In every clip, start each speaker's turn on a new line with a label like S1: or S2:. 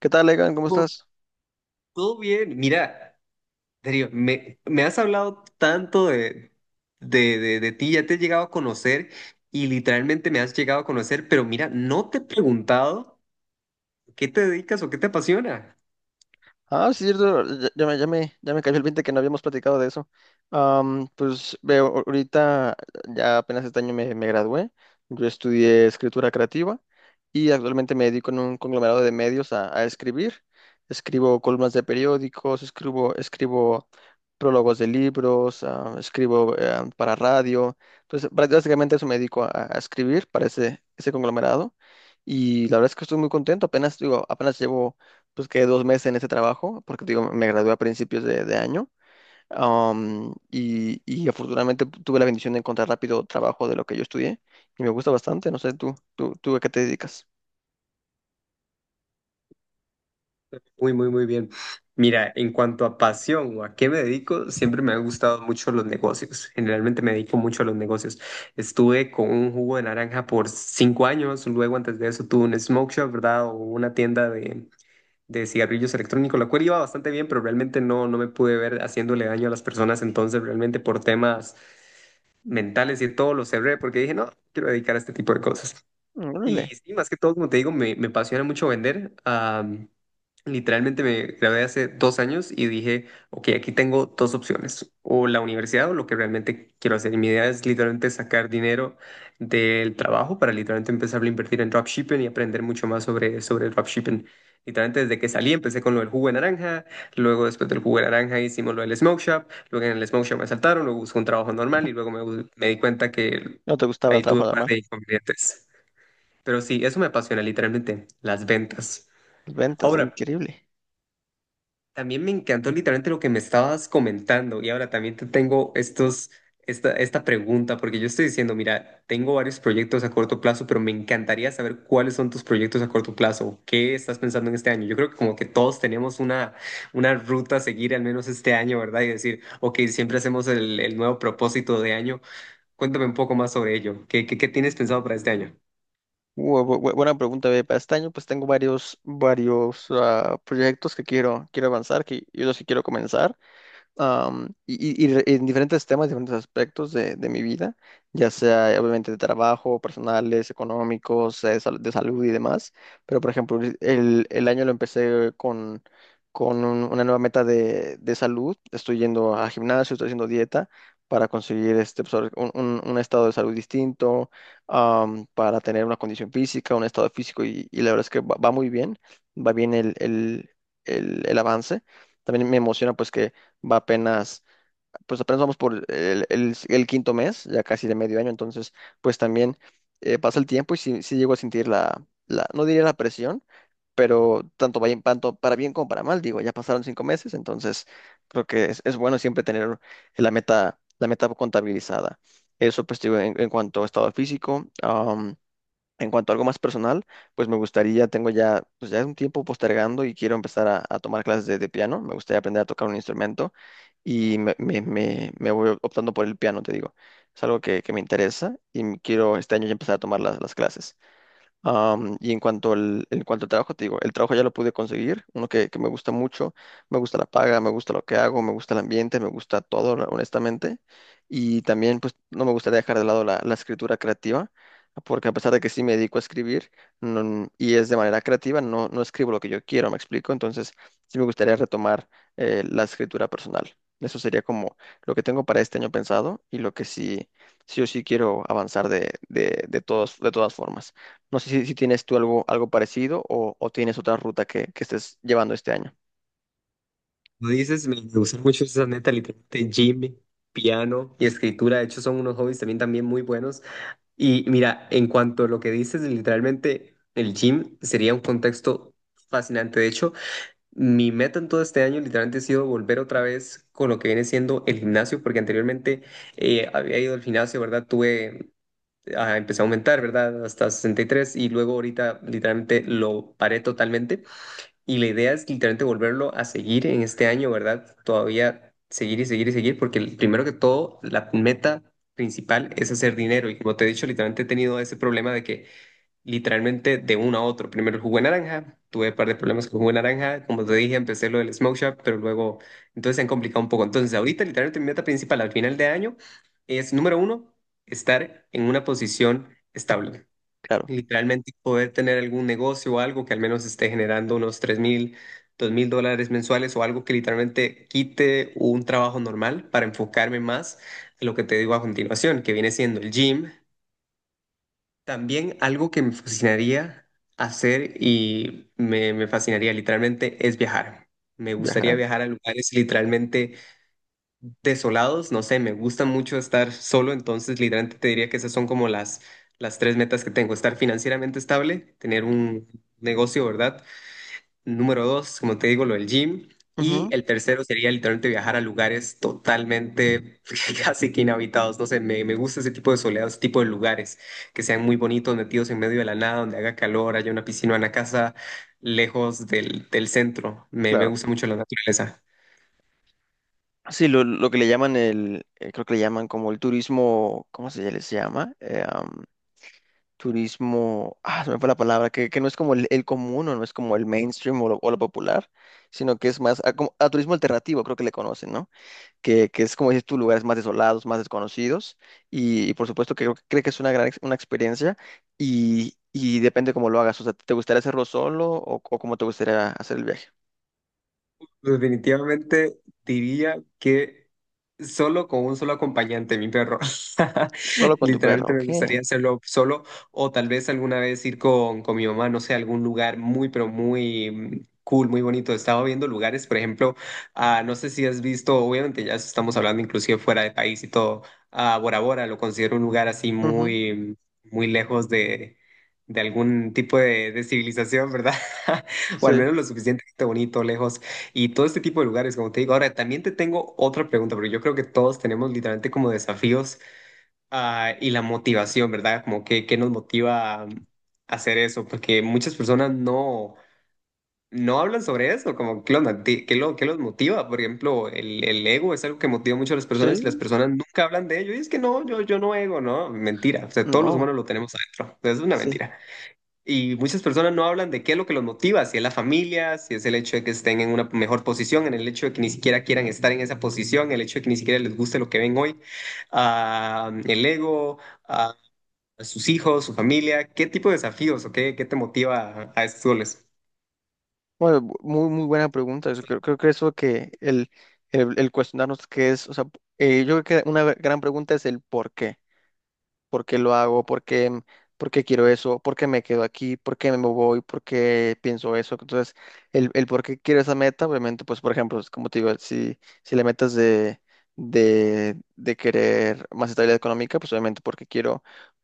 S1: ¿Qué tal, Egan? ¿Cómo
S2: Oh,
S1: estás?
S2: todo bien. Mira, Darío, me has hablado tanto de ti, ya te he llegado a conocer y literalmente me has llegado a conocer, pero mira, no te he preguntado qué te dedicas o qué te apasiona.
S1: Ah, sí, cierto, ya me cayó el 20 que no habíamos platicado de eso. Pues veo, ahorita ya apenas este año me gradué. Yo estudié escritura creativa y actualmente me dedico en un conglomerado de medios a, escribir. Escribo columnas de periódicos, escribo prólogos de libros, escribo para radio. Entonces, básicamente eso me dedico a escribir para ese conglomerado. Y la verdad es que estoy muy contento. Apenas, digo, apenas llevo pues quedé dos meses en ese trabajo, porque te digo, me gradué a principios de año. Y afortunadamente tuve la bendición de encontrar rápido trabajo de lo que yo estudié y me gusta bastante. No sé, tú a qué te dedicas.
S2: Muy, muy, muy bien. Mira, en cuanto a pasión o a qué me dedico, siempre me han gustado mucho los negocios. Generalmente me dedico mucho a los negocios. Estuve con un jugo de naranja por 5 años, luego antes de eso tuve un smoke shop, ¿verdad? O una tienda de cigarrillos electrónicos, la cual iba bastante bien, pero realmente no, no me pude ver haciéndole daño a las personas, entonces realmente por temas mentales y todo lo cerré porque dije, no, quiero dedicar a este tipo de cosas.
S1: Mm,
S2: Y
S1: órale,
S2: sí, más que todo, como te digo, me apasiona mucho vender. Literalmente me grabé hace 2 años y dije, ok, aquí tengo dos opciones, o la universidad o lo que realmente quiero hacer. Y mi idea es literalmente sacar dinero del trabajo para literalmente empezar a invertir en dropshipping y aprender mucho más sobre el dropshipping. Literalmente desde que salí empecé con lo del jugo de naranja, luego después del jugo de naranja hicimos lo del smoke shop, luego en el smoke shop me asaltaron, luego busqué un trabajo normal y luego me di cuenta que
S1: no te gustaba el
S2: ahí tuve
S1: trabajo
S2: un par
S1: normal.
S2: de inconvenientes. Pero sí, eso me apasiona literalmente, las ventas.
S1: Las ventas,
S2: Ahora,
S1: increíble.
S2: también me encantó literalmente lo que me estabas comentando y ahora también te tengo esta pregunta porque yo estoy diciendo, mira, tengo varios proyectos a corto plazo, pero me encantaría saber cuáles son tus proyectos a corto plazo, qué estás pensando en este año. Yo creo que como que todos tenemos una ruta a seguir al menos este año, ¿verdad? Y decir, ok, siempre hacemos el nuevo propósito de año. Cuéntame un poco más sobre ello. ¿Qué tienes pensado para este año?
S1: Buena pregunta, ve. Para este año, pues tengo varios proyectos que quiero avanzar, que, y los que quiero comenzar. Am, y re- En diferentes temas, diferentes aspectos de, mi vida, ya sea obviamente de trabajo, personales, económicos, de salud y demás. Pero, por ejemplo, el año lo empecé con, con una nueva meta de salud. Estoy yendo a gimnasio, estoy haciendo dieta para conseguir este, pues, ahora sí, un estado de salud distinto, para tener una condición física, un estado físico, y, la verdad es que va muy bien, va bien el avance. También me emociona pues que va apenas, pues apenas vamos por el quinto mes, ya casi de medio año, entonces pues también pasa el tiempo y sí, llego a sentir no diría la presión, pero tanto, tanto para bien como para mal, digo, ya pasaron cinco meses, entonces creo que es, bueno siempre tener la meta contabilizada. Eso pues digo, en cuanto a estado físico. En cuanto a algo más personal, pues me gustaría, tengo ya, pues ya un tiempo postergando y quiero empezar a, tomar clases de piano, me gustaría aprender a tocar un instrumento y me voy optando por el piano, te digo. Es algo que me interesa y quiero este año ya empezar a tomar las clases. Y en cuanto al trabajo, te digo, el trabajo ya lo pude conseguir, uno que me gusta mucho, me gusta la paga, me gusta lo que hago, me gusta el ambiente, me gusta todo, honestamente. Y también, pues, no me gustaría dejar de lado la, escritura creativa, porque a pesar de que sí me dedico a escribir y es de manera creativa, no escribo lo que yo quiero, me explico. Entonces, sí me gustaría retomar la escritura personal. Eso sería como lo que tengo para este año pensado y lo que sí o sí quiero avanzar de todas formas. No sé si, tienes tú algo parecido o, tienes otra ruta que estés llevando este año.
S2: Lo dices, me gustan mucho esas metas, literalmente, gym, piano y escritura. De hecho, son unos hobbies también, también muy buenos. Y mira, en cuanto a lo que dices, literalmente el gym sería un contexto fascinante. De hecho, mi meta en todo este año literalmente ha sido volver otra vez con lo que viene siendo el gimnasio, porque anteriormente había ido al gimnasio, ¿verdad? Empecé a aumentar, ¿verdad? Hasta 63 y luego ahorita literalmente lo paré totalmente. Y la idea es literalmente volverlo a seguir en este año, ¿verdad? Todavía seguir y seguir y seguir, porque primero que todo, la meta principal es hacer dinero. Y como te he dicho, literalmente he tenido ese problema de que literalmente de uno a otro. Primero el jugo de naranja, tuve un par de problemas con el jugo de naranja. Como te dije, empecé lo del smoke shop, pero luego, entonces se han complicado un poco. Entonces, ahorita literalmente mi meta principal al final de año es, número uno, estar en una posición estable.
S1: Claro,
S2: Literalmente poder tener algún negocio o algo que al menos esté generando unos 3000, $2000 mensuales o algo que literalmente quite un trabajo normal para enfocarme más en lo que te digo a continuación, que viene siendo el gym. También algo que me fascinaría hacer y me fascinaría literalmente es viajar. Me gustaría
S1: viajar.
S2: viajar a lugares literalmente desolados, no sé, me gusta mucho estar solo, entonces literalmente te diría que esas son como las tres metas que tengo, estar financieramente estable, tener un negocio, ¿verdad? Número dos, como te digo, lo del gym. Y
S1: Ujú,
S2: el tercero sería literalmente viajar a lugares totalmente casi que inhabitados. No sé, me gusta ese tipo de soledad, ese tipo de lugares que sean muy bonitos, metidos en medio de la nada, donde haga calor, haya una piscina, una casa lejos del centro. Me
S1: claro.
S2: gusta mucho la naturaleza.
S1: Sí, lo, que le llaman creo que le llaman como el turismo, ¿cómo se les llama? Turismo, se me fue la palabra, que, no es como el común o no es como el mainstream o lo popular, sino que es más a, a turismo alternativo, creo que le conocen, ¿no? que, es como dices tú, lugares más desolados, más desconocidos, y, por supuesto que creo que es una experiencia y depende cómo lo hagas, o sea, ¿te gustaría hacerlo solo o cómo te gustaría hacer el viaje?
S2: Definitivamente diría que solo con un solo acompañante, mi perro.
S1: Solo con tu perro,
S2: Literalmente
S1: ok.
S2: me gustaría hacerlo solo o tal vez alguna vez ir con mi mamá, no sé, a algún lugar muy, pero muy cool, muy bonito. Estaba viendo lugares, por ejemplo, no sé si has visto, obviamente ya estamos hablando inclusive fuera de país y todo, a Bora Bora lo considero un lugar así
S1: Ujú.
S2: muy, muy lejos de algún tipo de civilización, ¿verdad? O al
S1: Sí,
S2: menos lo suficientemente bonito, lejos y todo este tipo de lugares, como te digo. Ahora, también te tengo otra pregunta, porque yo creo que todos tenemos literalmente como desafíos, y la motivación, ¿verdad? Como que, qué nos motiva a hacer eso, porque muchas personas no, no hablan sobre eso. Como qué onda? ¿Qué los motiva? Por ejemplo, el ego es algo que motiva mucho a las personas y las
S1: sí,
S2: personas nunca hablan de ello. Y es que no, yo no ego, ¿no? Mentira. O sea, todos los
S1: no,
S2: humanos lo tenemos adentro. O sea, es una
S1: sí.
S2: mentira. Y muchas personas no hablan de qué es lo que los motiva, si es la familia, si es el hecho de que estén en una mejor posición, en el hecho de que ni siquiera quieran estar en esa posición, el hecho de que ni siquiera les guste lo que ven hoy, el ego, a sus hijos, su familia, qué tipo de desafíos o qué te motiva a estos goles.
S1: Bueno, muy, muy buena pregunta. Eso creo, que eso que el cuestionarnos qué es, o sea, yo creo que una gran pregunta es el por qué. Por qué lo hago, por qué quiero eso, por qué me quedo aquí, por qué me voy, por qué pienso eso. Entonces, el, por qué quiero esa meta, obviamente, pues, por ejemplo, es como te digo, si, la meta es de querer más estabilidad económica, pues obviamente porque quiero,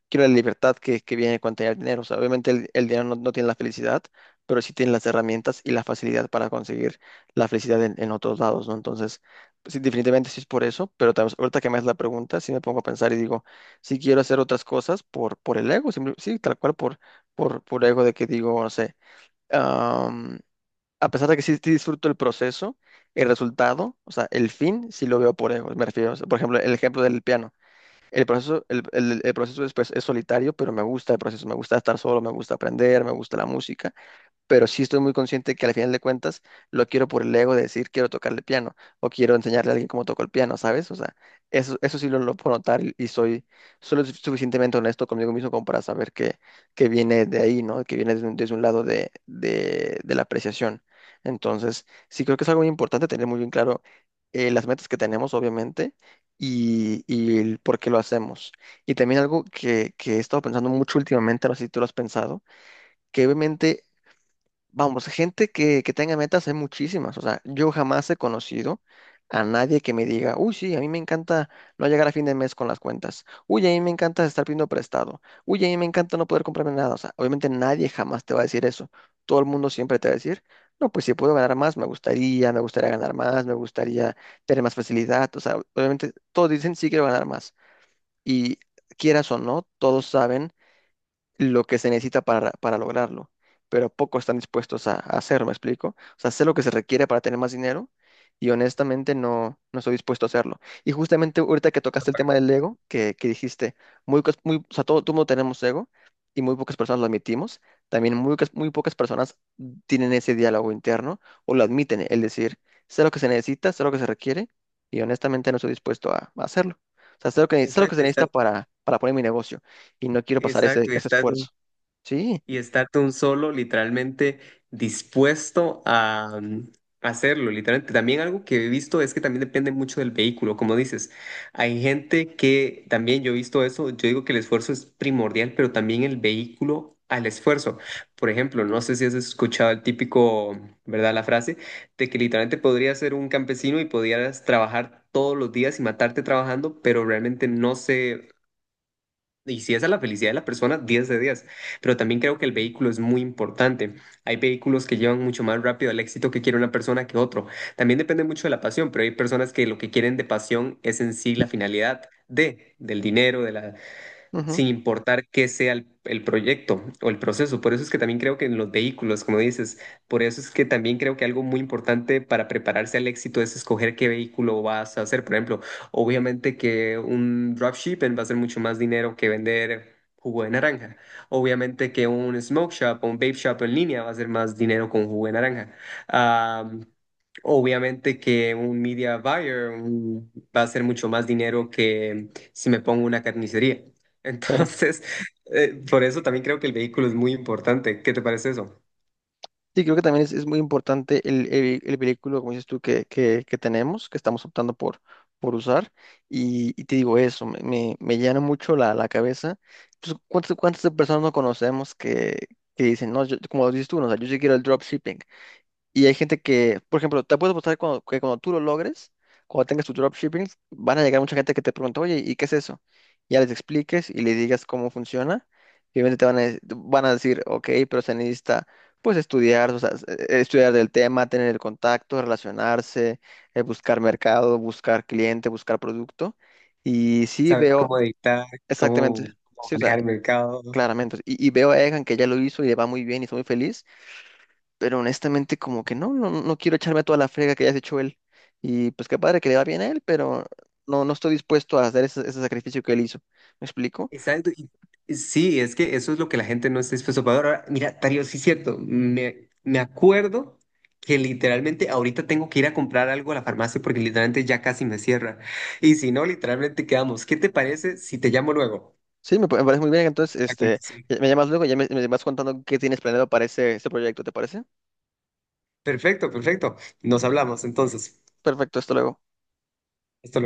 S1: quiero la libertad que, viene con tener dinero. O sea, obviamente el, dinero no tiene la felicidad, pero sí tiene las herramientas y la facilidad para conseguir la felicidad en otros lados, ¿no? Entonces, pues, sí, definitivamente sí es por eso, pero ahorita que me haces la pregunta, sí me pongo a pensar y digo, si quiero hacer otras cosas por, el ego, sí, tal cual por ego de que digo, no sé, am, a pesar de que sí disfruto el proceso, el resultado, o sea, el fin, sí lo veo por ego, me refiero, o sea, por ejemplo, el ejemplo del piano, el proceso, el proceso es, pues, es solitario, pero me gusta el proceso, me gusta estar solo, me gusta aprender, me gusta la música, pero sí estoy muy consciente que al final de cuentas lo quiero por el ego de decir quiero tocarle piano o quiero enseñarle a alguien cómo toco el piano, ¿sabes? O sea, eso, sí lo puedo notar y soy, soy lo suficientemente honesto conmigo mismo como para saber que viene de ahí, ¿no? Que viene desde un, lado de la apreciación. Entonces, sí creo que es algo muy importante tener muy bien claro las metas que tenemos, obviamente, y, el por qué lo hacemos. Y también algo que he estado pensando mucho últimamente, no sé si tú lo has pensado que obviamente. Vamos, gente que tenga metas hay muchísimas. O sea, yo jamás he conocido a nadie que me diga, uy, sí, a mí me encanta no llegar a fin de mes con las cuentas. Uy, a mí me encanta estar pidiendo prestado. Uy, a mí me encanta no poder comprarme nada. O sea, obviamente nadie jamás te va a decir eso. Todo el mundo siempre te va a decir, no, pues si puedo ganar más, me gustaría, ganar más, me gustaría tener más facilidad. O sea, obviamente todos dicen, sí quiero ganar más. Y quieras o no, todos saben lo que se necesita para, lograrlo, pero pocos están dispuestos a hacerlo, ¿me explico? O sea, sé lo que se requiere para tener más dinero y honestamente no, estoy dispuesto a hacerlo. Y justamente ahorita que tocaste el tema del ego, que, dijiste, o sea, todo mundo tenemos ego y muy pocas personas lo admitimos, también muy, muy pocas personas tienen ese diálogo interno o lo admiten, el decir, sé lo que se necesita, sé lo que se requiere y honestamente no estoy dispuesto a, hacerlo. O sea, sé lo que se
S2: Exacto,
S1: necesita para, poner mi negocio y no quiero pasar ese,
S2: exacto,
S1: ese
S2: exacto,
S1: esfuerzo. Sí,
S2: y estar tú un solo, literalmente dispuesto a hacerlo, literalmente. También algo que he visto es que también depende mucho del vehículo, como dices. Hay gente que también yo he visto eso, yo digo que el esfuerzo es primordial, pero también el vehículo al esfuerzo. Por ejemplo, no sé si has escuchado el típico, ¿verdad? La frase de que literalmente podrías ser un campesino y podrías trabajar todos los días y matarte trabajando, pero realmente no se y si esa es la felicidad de la persona, 10 de 10. Pero también creo que el vehículo es muy importante. Hay vehículos que llevan mucho más rápido al éxito que quiere una persona que otro. También depende mucho de la pasión, pero hay personas que lo que quieren de pasión es en sí la finalidad de, del dinero,
S1: ujú,
S2: sin importar qué sea el proyecto o el proceso. Por eso es que también creo que en los vehículos, como dices, por eso es que también creo que algo muy importante para prepararse al éxito es escoger qué vehículo vas a hacer. Por ejemplo, obviamente que un dropshipping va a ser mucho más dinero que vender jugo de naranja. Obviamente que un smoke shop o un vape shop en línea va a ser más dinero con jugo de naranja. Ah, Obviamente que un media buyer va a ser mucho más dinero que si me pongo una carnicería.
S1: claro.
S2: Entonces, por eso también creo que el vehículo es muy importante. ¿Qué te parece eso?
S1: Sí, creo que también es, muy importante el vehículo, como dices tú, que tenemos, que estamos optando por usar. y, te digo eso, me llena mucho la, cabeza. Entonces, ¿cuántas personas no conocemos que dicen, no, como dices tú, no, o sea, yo sí quiero el dropshipping? Y hay gente que, por ejemplo, te puedo apostar que cuando tú lo logres, cuando tengas tu dropshipping, van a llegar mucha gente que te pregunta, oye, ¿y qué es eso? Ya les expliques y les digas cómo funciona. Y obviamente te van a decir, ok, pero se necesita, pues, estudiar, o sea, estudiar del tema, tener el contacto, relacionarse, buscar mercado, buscar cliente, buscar producto. Y sí
S2: Saber
S1: veo
S2: cómo dictar,
S1: exactamente,
S2: cómo
S1: sí, o sea,
S2: manejar el mercado.
S1: claramente. Y veo a Egan que ya lo hizo y le va muy bien y está muy feliz, pero honestamente como que no quiero echarme a toda la frega que ya se echó él. Y pues qué padre que le va bien a él, pero no, estoy dispuesto a hacer ese sacrificio que él hizo. ¿Me explico?
S2: Exacto. Sí, es que eso es lo que la gente no está dispuesta a pagar. Ahora, mira, Tario, sí es cierto. Me acuerdo que literalmente ahorita tengo que ir a comprar algo a la farmacia porque literalmente ya casi me cierra. Y si no, literalmente quedamos. ¿Qué te parece si te llamo luego?
S1: Sí, me parece muy bien. Entonces,
S2: A conversar.
S1: me llamas luego, ya me, vas contando qué tienes planeado para ese, proyecto, ¿te parece?
S2: Perfecto, perfecto. Nos hablamos entonces.
S1: Perfecto, hasta luego.
S2: Hasta luego.